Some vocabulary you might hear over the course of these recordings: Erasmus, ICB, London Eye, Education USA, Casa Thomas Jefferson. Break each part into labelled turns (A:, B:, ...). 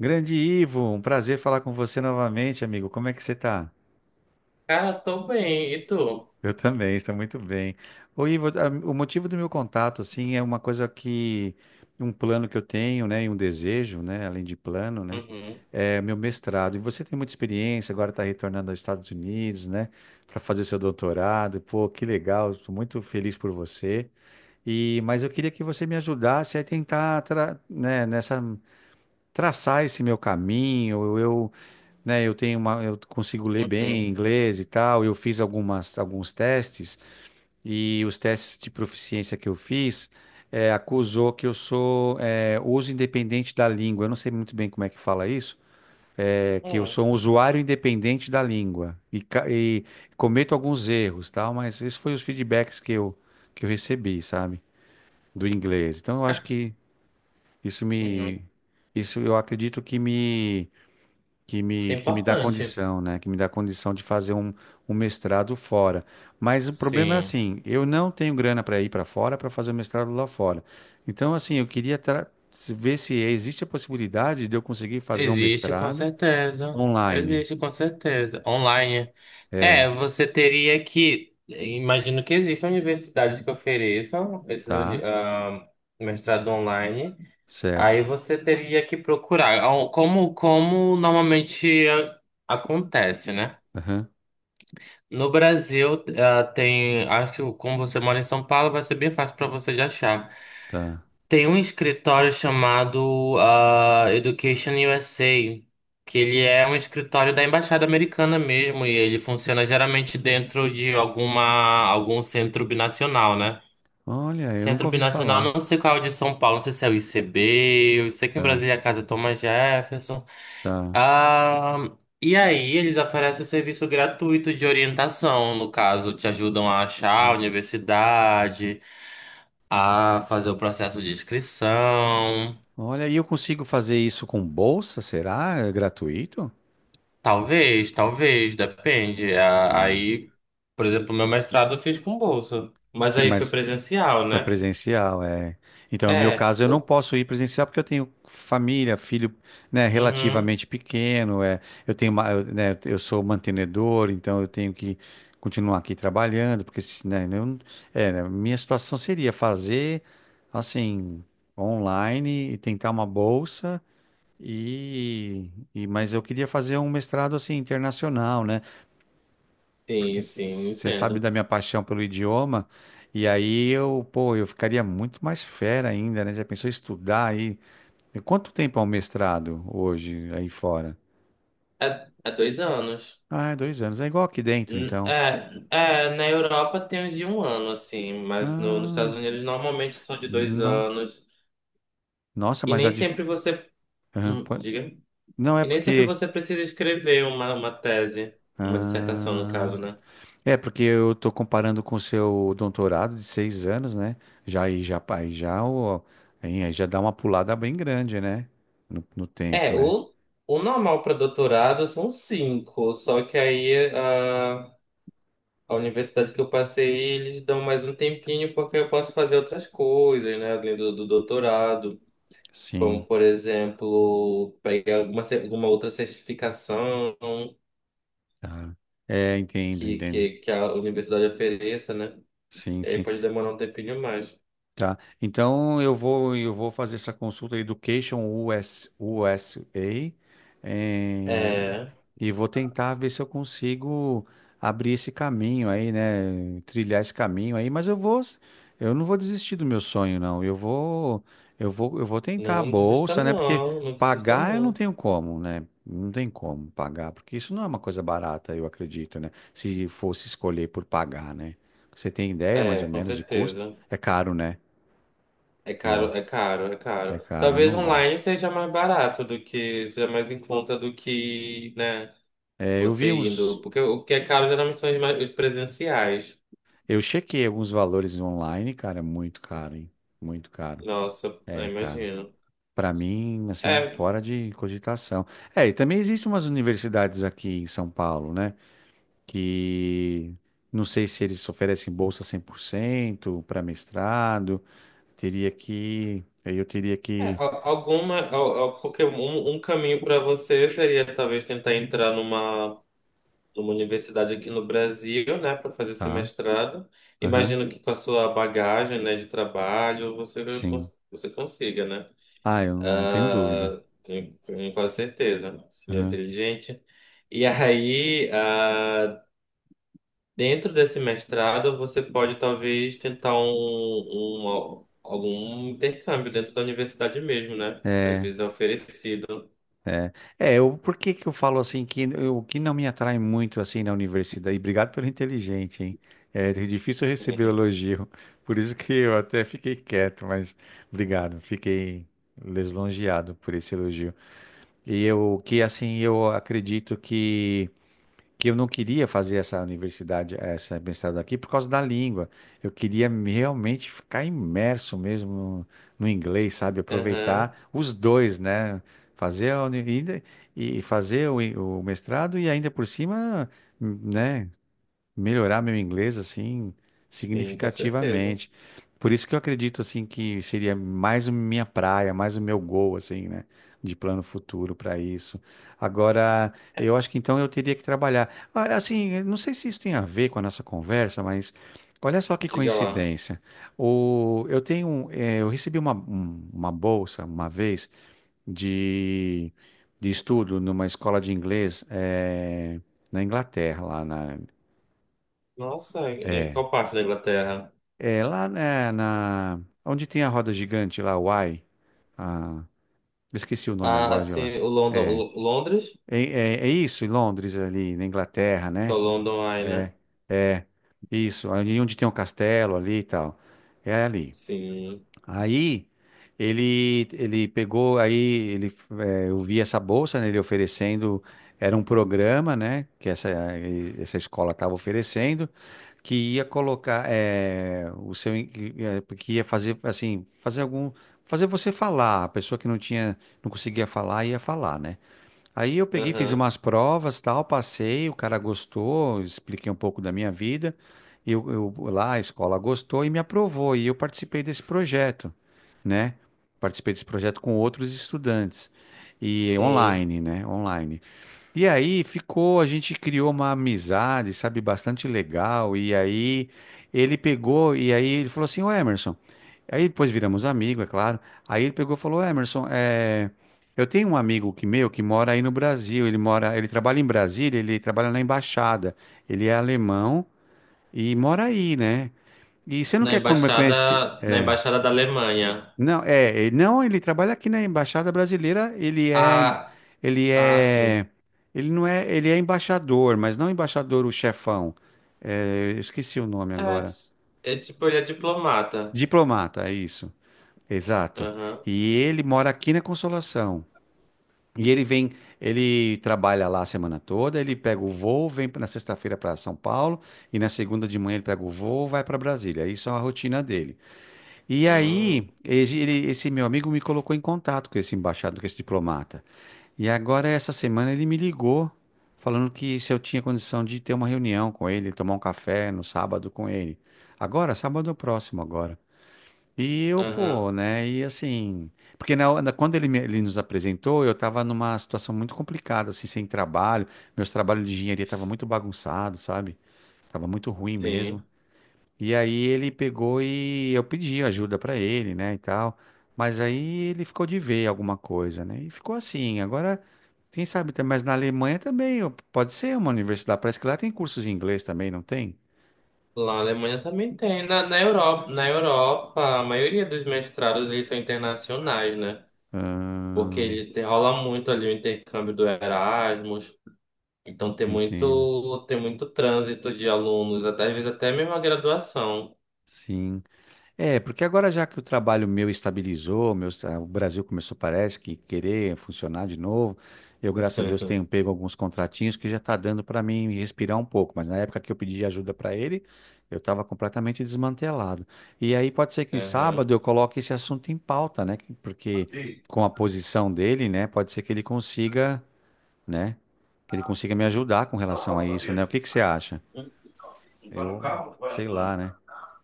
A: Grande Ivo, um prazer falar com você novamente, amigo. Como é que você está?
B: Cara, tô bem. E tu?
A: Eu também, estou muito bem. Ô, Ivo, o motivo do meu contato, assim, é uma coisa que, um plano que eu tenho, né, e um desejo, né, além de plano, né,
B: Uhum,
A: é meu mestrado. E você tem muita experiência, agora está retornando aos Estados Unidos, né, para fazer seu doutorado. Pô, que legal, estou muito feliz por você. E, mas eu queria que você me ajudasse a tentar, né, nessa, traçar esse meu caminho, eu né? Eu tenho uma, eu consigo ler bem
B: uhum,
A: inglês e tal. Eu fiz algumas, alguns testes e os testes de proficiência que eu fiz acusou que eu sou uso independente da língua. Eu não sei muito bem como é que fala isso. É que eu
B: uhum,
A: sou um usuário independente da língua e, e cometo alguns erros, tal. Mas esses foram os feedbacks que eu recebi, sabe, do inglês. Então eu acho que isso me,
B: uhum.
A: isso eu acredito que me que
B: Isso
A: me,
B: é
A: que me dá
B: importante.
A: condição, né? Que me dá condição de fazer um, um mestrado fora. Mas o problema é
B: Sim.
A: assim, eu não tenho grana para ir para fora para fazer o mestrado lá fora. Então, assim, eu queria ver se existe a possibilidade de eu conseguir fazer um
B: Existe, com
A: mestrado
B: certeza.
A: online.
B: Existe, com certeza. Online. É,
A: É,
B: você teria que. Imagino que existam universidades que ofereçam esse
A: tá,
B: mestrado online.
A: certo.
B: Aí você teria que procurar. Como, como normalmente acontece, né?
A: Aham,
B: No Brasil, tem, acho que como você mora em São Paulo, vai ser bem fácil para você de achar.
A: tá.
B: Tem um escritório chamado Education USA, que ele é um escritório da Embaixada Americana mesmo, e ele funciona geralmente dentro de algum centro binacional, né?
A: Olha, eu nunca
B: Centro
A: ouvi
B: binacional,
A: falar.
B: não sei qual é o de São Paulo, não sei se é o ICB, eu sei que em
A: Tá,
B: Brasília é a Casa Thomas Jefferson.
A: tá.
B: Ah, e aí eles oferecem o serviço gratuito de orientação, no caso, te ajudam a achar a universidade, a fazer o processo de inscrição.
A: Olha, e eu consigo fazer isso com bolsa, será? É gratuito?
B: Talvez, talvez, depende. Aí, por exemplo, meu mestrado eu fiz com bolsa, mas
A: Sim,
B: aí foi
A: mas
B: presencial,
A: foi
B: né?
A: presencial, é. Então, no meu
B: É,
A: caso, eu não
B: o-
A: posso ir presencial porque eu tenho família, filho, né,
B: uhum,
A: relativamente pequeno, é. Eu tenho, eu, né, eu sou mantenedor, então eu tenho que continuar aqui trabalhando, porque se, né, eu não- é, né, minha situação seria fazer assim online e tentar uma bolsa e, e mas eu queria fazer um mestrado assim internacional, né? Porque
B: sim, sim,
A: você sabe
B: entendo.
A: da minha paixão pelo idioma, e aí eu, pô, eu ficaria muito mais fera ainda, né? Já pensou em estudar aí? E quanto tempo é um mestrado hoje aí fora?
B: É, é 2 anos.
A: Ah, é 2 anos. É igual aqui dentro, então.
B: É, é, na Europa tem uns de 1 ano, assim, mas nos Estados
A: Ah,
B: Unidos normalmente são de dois
A: no-
B: anos.
A: nossa,
B: E
A: mas a
B: nem
A: dif-
B: sempre você.
A: Aham,
B: Hum, diga.
A: não é
B: E nem sempre
A: porque.
B: você precisa escrever uma tese, uma dissertação, no
A: Ah,
B: caso, né?
A: é porque eu tô comparando com o seu doutorado de 6 anos, né? Já aí já aí já o aí já dá uma pulada bem grande, né? No tempo,
B: É,
A: né?
B: o, o normal para doutorado são cinco, só que a universidade que eu passei, eles dão mais um tempinho porque eu posso fazer outras coisas, né, além do doutorado. Como,
A: Sim.
B: por exemplo, pegar alguma outra certificação
A: Tá. É, entendo, entendo.
B: que a universidade ofereça, né?
A: Sim,
B: E aí
A: sim.
B: pode demorar um tempinho mais.
A: Tá. Então eu vou fazer essa consulta Education US, USA eh,
B: É,
A: e vou tentar ver se eu consigo abrir esse caminho aí, né? Trilhar esse caminho aí, mas eu não vou desistir do meu sonho, não. Eu vou eu vou tentar a
B: não desista
A: bolsa, né? Porque
B: não, não desista
A: pagar eu não
B: não.
A: tenho como, né? Não tem como pagar, porque isso não é uma coisa barata, eu acredito, né? Se fosse escolher por pagar, né? Você tem ideia mais
B: É,
A: ou
B: com
A: menos de custo?
B: certeza.
A: É caro, né?
B: É
A: Eu,
B: caro, é caro, é
A: é
B: caro.
A: caro,
B: Talvez
A: não dá.
B: online seja mais barato do que, seja mais em conta do que, né,
A: É, eu
B: você
A: vi
B: indo.
A: uns.
B: Porque o que é caro geralmente são os presenciais.
A: Eu chequei alguns valores online, cara, é muito caro, hein? Muito caro.
B: Nossa, eu
A: É caro.
B: imagino.
A: Pra mim, assim,
B: É,
A: fora de cogitação. É, e também existem umas universidades aqui em São Paulo, né? Que não sei se eles oferecem bolsa 100% para mestrado. Teria que. Aí eu teria
B: É,
A: que.
B: porque um, um caminho para você seria talvez tentar entrar numa, numa universidade aqui no Brasil, né, para fazer esse
A: Tá?
B: mestrado.
A: Aham.
B: Imagino que com a sua bagagem, né, de trabalho,
A: Sim.
B: você consiga, né?
A: Ah, eu não tenho dúvida.
B: Ah, tenho, tenho quase certeza. Seria inteligente. E aí, ah, Dentro desse mestrado, você pode talvez tentar algum intercâmbio dentro da universidade mesmo, né? Às vezes é oferecido.
A: É, eu, por que que eu falo assim que o que não me atrai muito assim na universidade, e obrigado pelo inteligente, hein? É difícil receber elogio, por isso que eu até fiquei quieto, mas obrigado, fiquei lisonjeado por esse elogio. E eu que assim, eu acredito que eu não queria fazer essa universidade, essa mestrado aqui por causa da língua. Eu queria realmente ficar imerso mesmo no, no inglês, sabe?
B: Aham,
A: Aproveitar os dois, né? Fazer a e fazer o mestrado e ainda por cima, né? Melhorar meu inglês assim
B: sim, com certeza.
A: significativamente. Por isso que eu acredito assim que seria mais a minha praia, mais o meu gol assim, né, de plano futuro para isso. Agora, eu acho que então eu teria que trabalhar. Ah, assim, eu não sei se isso tem a ver com a nossa conversa, mas olha só que
B: Diga lá.
A: coincidência. O, eu tenho, eu recebi uma, uma bolsa uma vez de, de estudo numa escola de inglês na Inglaterra, lá na,
B: Nossa, em
A: é.
B: qual parte da Inglaterra?
A: É lá né, na. Onde tem a roda gigante lá, o Y. Ah, eu esqueci o nome
B: Ah,
A: agora de lá.
B: sim,
A: É,
B: o Londres,
A: é, é, é isso, em Londres, ali, na Inglaterra,
B: que é
A: né?
B: o London Eye, né?
A: É, isso, ali onde tem um castelo ali e tal. É ali.
B: Sim.
A: Aí, ele pegou, aí, ele, é, eu vi essa bolsa, né, ele oferecendo, era um programa, né, que essa, essa escola estava oferecendo, que ia colocar o seu que que ia fazer assim fazer algum fazer você falar, a pessoa que não tinha não conseguia falar ia falar, né. Aí eu peguei, fiz
B: Aham,
A: umas provas, tal, passei, o cara gostou, expliquei um pouco da minha vida, eu lá, a escola gostou e me aprovou e eu participei desse projeto, né, participei desse projeto com outros estudantes, e
B: sim.
A: online, né, online. E aí ficou, a gente criou uma amizade, sabe, bastante legal. E aí ele pegou, e aí ele falou assim, ô Emerson. Aí depois viramos amigo, é claro. Aí ele pegou e falou, Emerson, é, eu tenho um amigo que mora aí no Brasil. Ele mora, ele trabalha em Brasília, ele trabalha na embaixada. Ele é alemão e mora aí, né? E você não quer conhecer?
B: Na
A: É.
B: embaixada da Alemanha.
A: Não, é, ele- não, ele trabalha aqui na Embaixada Brasileira, ele é,
B: Ah,
A: ele
B: ah,
A: é,
B: sim.
A: ele não é, ele é embaixador, mas não embaixador o chefão. É, eu esqueci o nome agora.
B: É, é tipo, ele é diplomata.
A: Diplomata, é isso. Exato.
B: Aham.
A: E ele mora aqui na Consolação. E ele vem, ele trabalha lá a semana toda, ele pega o voo, vem na sexta-feira para São Paulo e na segunda de manhã ele pega o voo, vai para Brasília. Isso é a rotina dele. E
B: Hum,
A: aí, esse meu amigo me colocou em contato com esse embaixador, com esse diplomata. E agora, essa semana, ele me ligou, falando que se eu tinha condição de ter uma reunião com ele, tomar um café no sábado com ele. Agora, sábado é o próximo agora. E eu, pô,
B: aham.
A: né? E assim. Porque quando ele, ele nos apresentou, eu tava numa situação muito complicada, assim, sem trabalho. Meus trabalhos de engenharia estavam muito bagunçados, sabe? Tava muito ruim mesmo.
B: Sim.
A: E aí ele pegou e eu pedi ajuda pra ele, né, e tal. Mas aí ele ficou de ver alguma coisa, né? E ficou assim. Agora, quem sabe, mas na Alemanha também ó, pode ser uma universidade. Parece que lá tem cursos em inglês também, não tem?
B: Lá na Alemanha também tem. Na, na Europa, a maioria dos mestrados eles são internacionais, né? Porque
A: Ah,
B: rola muito ali o intercâmbio do Erasmus, então
A: entendo.
B: tem muito trânsito de alunos, até, às vezes até mesmo a graduação.
A: Sim. É, porque agora já que o trabalho meu estabilizou, meu, o Brasil começou, parece que querer funcionar de novo. Eu, graças a Deus, tenho pego alguns contratinhos que já está dando para mim respirar um pouco. Mas na época que eu pedi ajuda para ele, eu estava completamente desmantelado. E aí pode ser que
B: Aham.
A: sábado eu coloque esse assunto em pauta, né? Porque com a posição dele, né, pode ser que ele consiga, né, que ele consiga me ajudar com relação a isso, né? O que que você acha? Eu sei lá, né?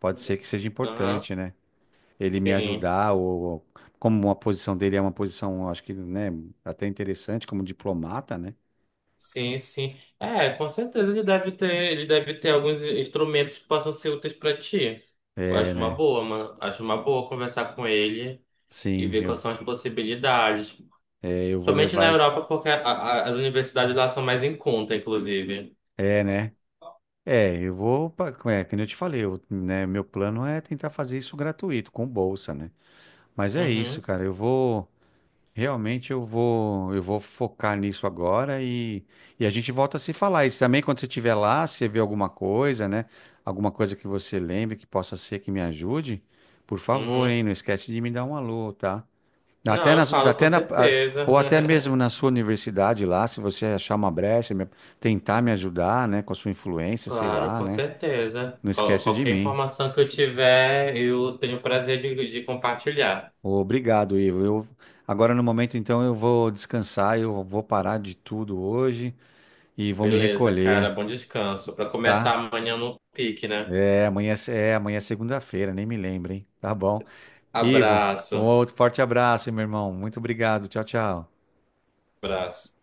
A: Pode ser que seja
B: Aham.
A: importante, né? Ele me
B: Sim.
A: ajudar, ou como a posição dele é uma posição, acho que, né, até interessante, como diplomata, né?
B: Sim, sim. É, com certeza ele deve ter alguns instrumentos que possam ser úteis para ti. Eu
A: É,
B: acho uma
A: né?
B: boa, mano. Acho uma boa conversar com ele e
A: Sim,
B: ver
A: eu,
B: quais são as possibilidades.
A: é, eu vou
B: Somente na
A: levar esse.
B: Europa, porque as universidades lá são mais em conta, inclusive.
A: É, né? É, eu vou. É, como eu te falei, eu, né, meu plano é tentar fazer isso gratuito, com bolsa, né? Mas é isso,
B: Uhum,
A: cara. Eu vou. Realmente eu vou focar nisso agora e a gente volta a se falar. E também quando você estiver lá, se você vê alguma coisa, né? Alguma coisa que você lembre que possa ser que me ajude, por favor,
B: uhum.
A: hein? Não esquece de me dar um alô, tá? Até
B: Não, eu
A: na,
B: falo com
A: até na,
B: certeza.
A: ou até mesmo na sua universidade lá, se você achar uma brecha, tentar me ajudar, né? Com a sua influência, sei
B: Claro,
A: lá,
B: com
A: né?
B: certeza.
A: Não esquece de
B: Qualquer
A: mim.
B: informação que eu tiver, eu tenho o prazer de compartilhar.
A: Obrigado, Ivo. Eu, agora no momento, então, eu vou descansar, eu vou parar de tudo hoje. E vou me
B: Beleza, cara,
A: recolher,
B: bom descanso. Para começar
A: tá?
B: amanhã no pique, né?
A: É, amanhã é, amanhã é segunda-feira, nem me lembro, hein? Tá bom. Ivo, um
B: Abraço,
A: outro forte abraço, meu irmão. Muito obrigado. Tchau, tchau.
B: abraço.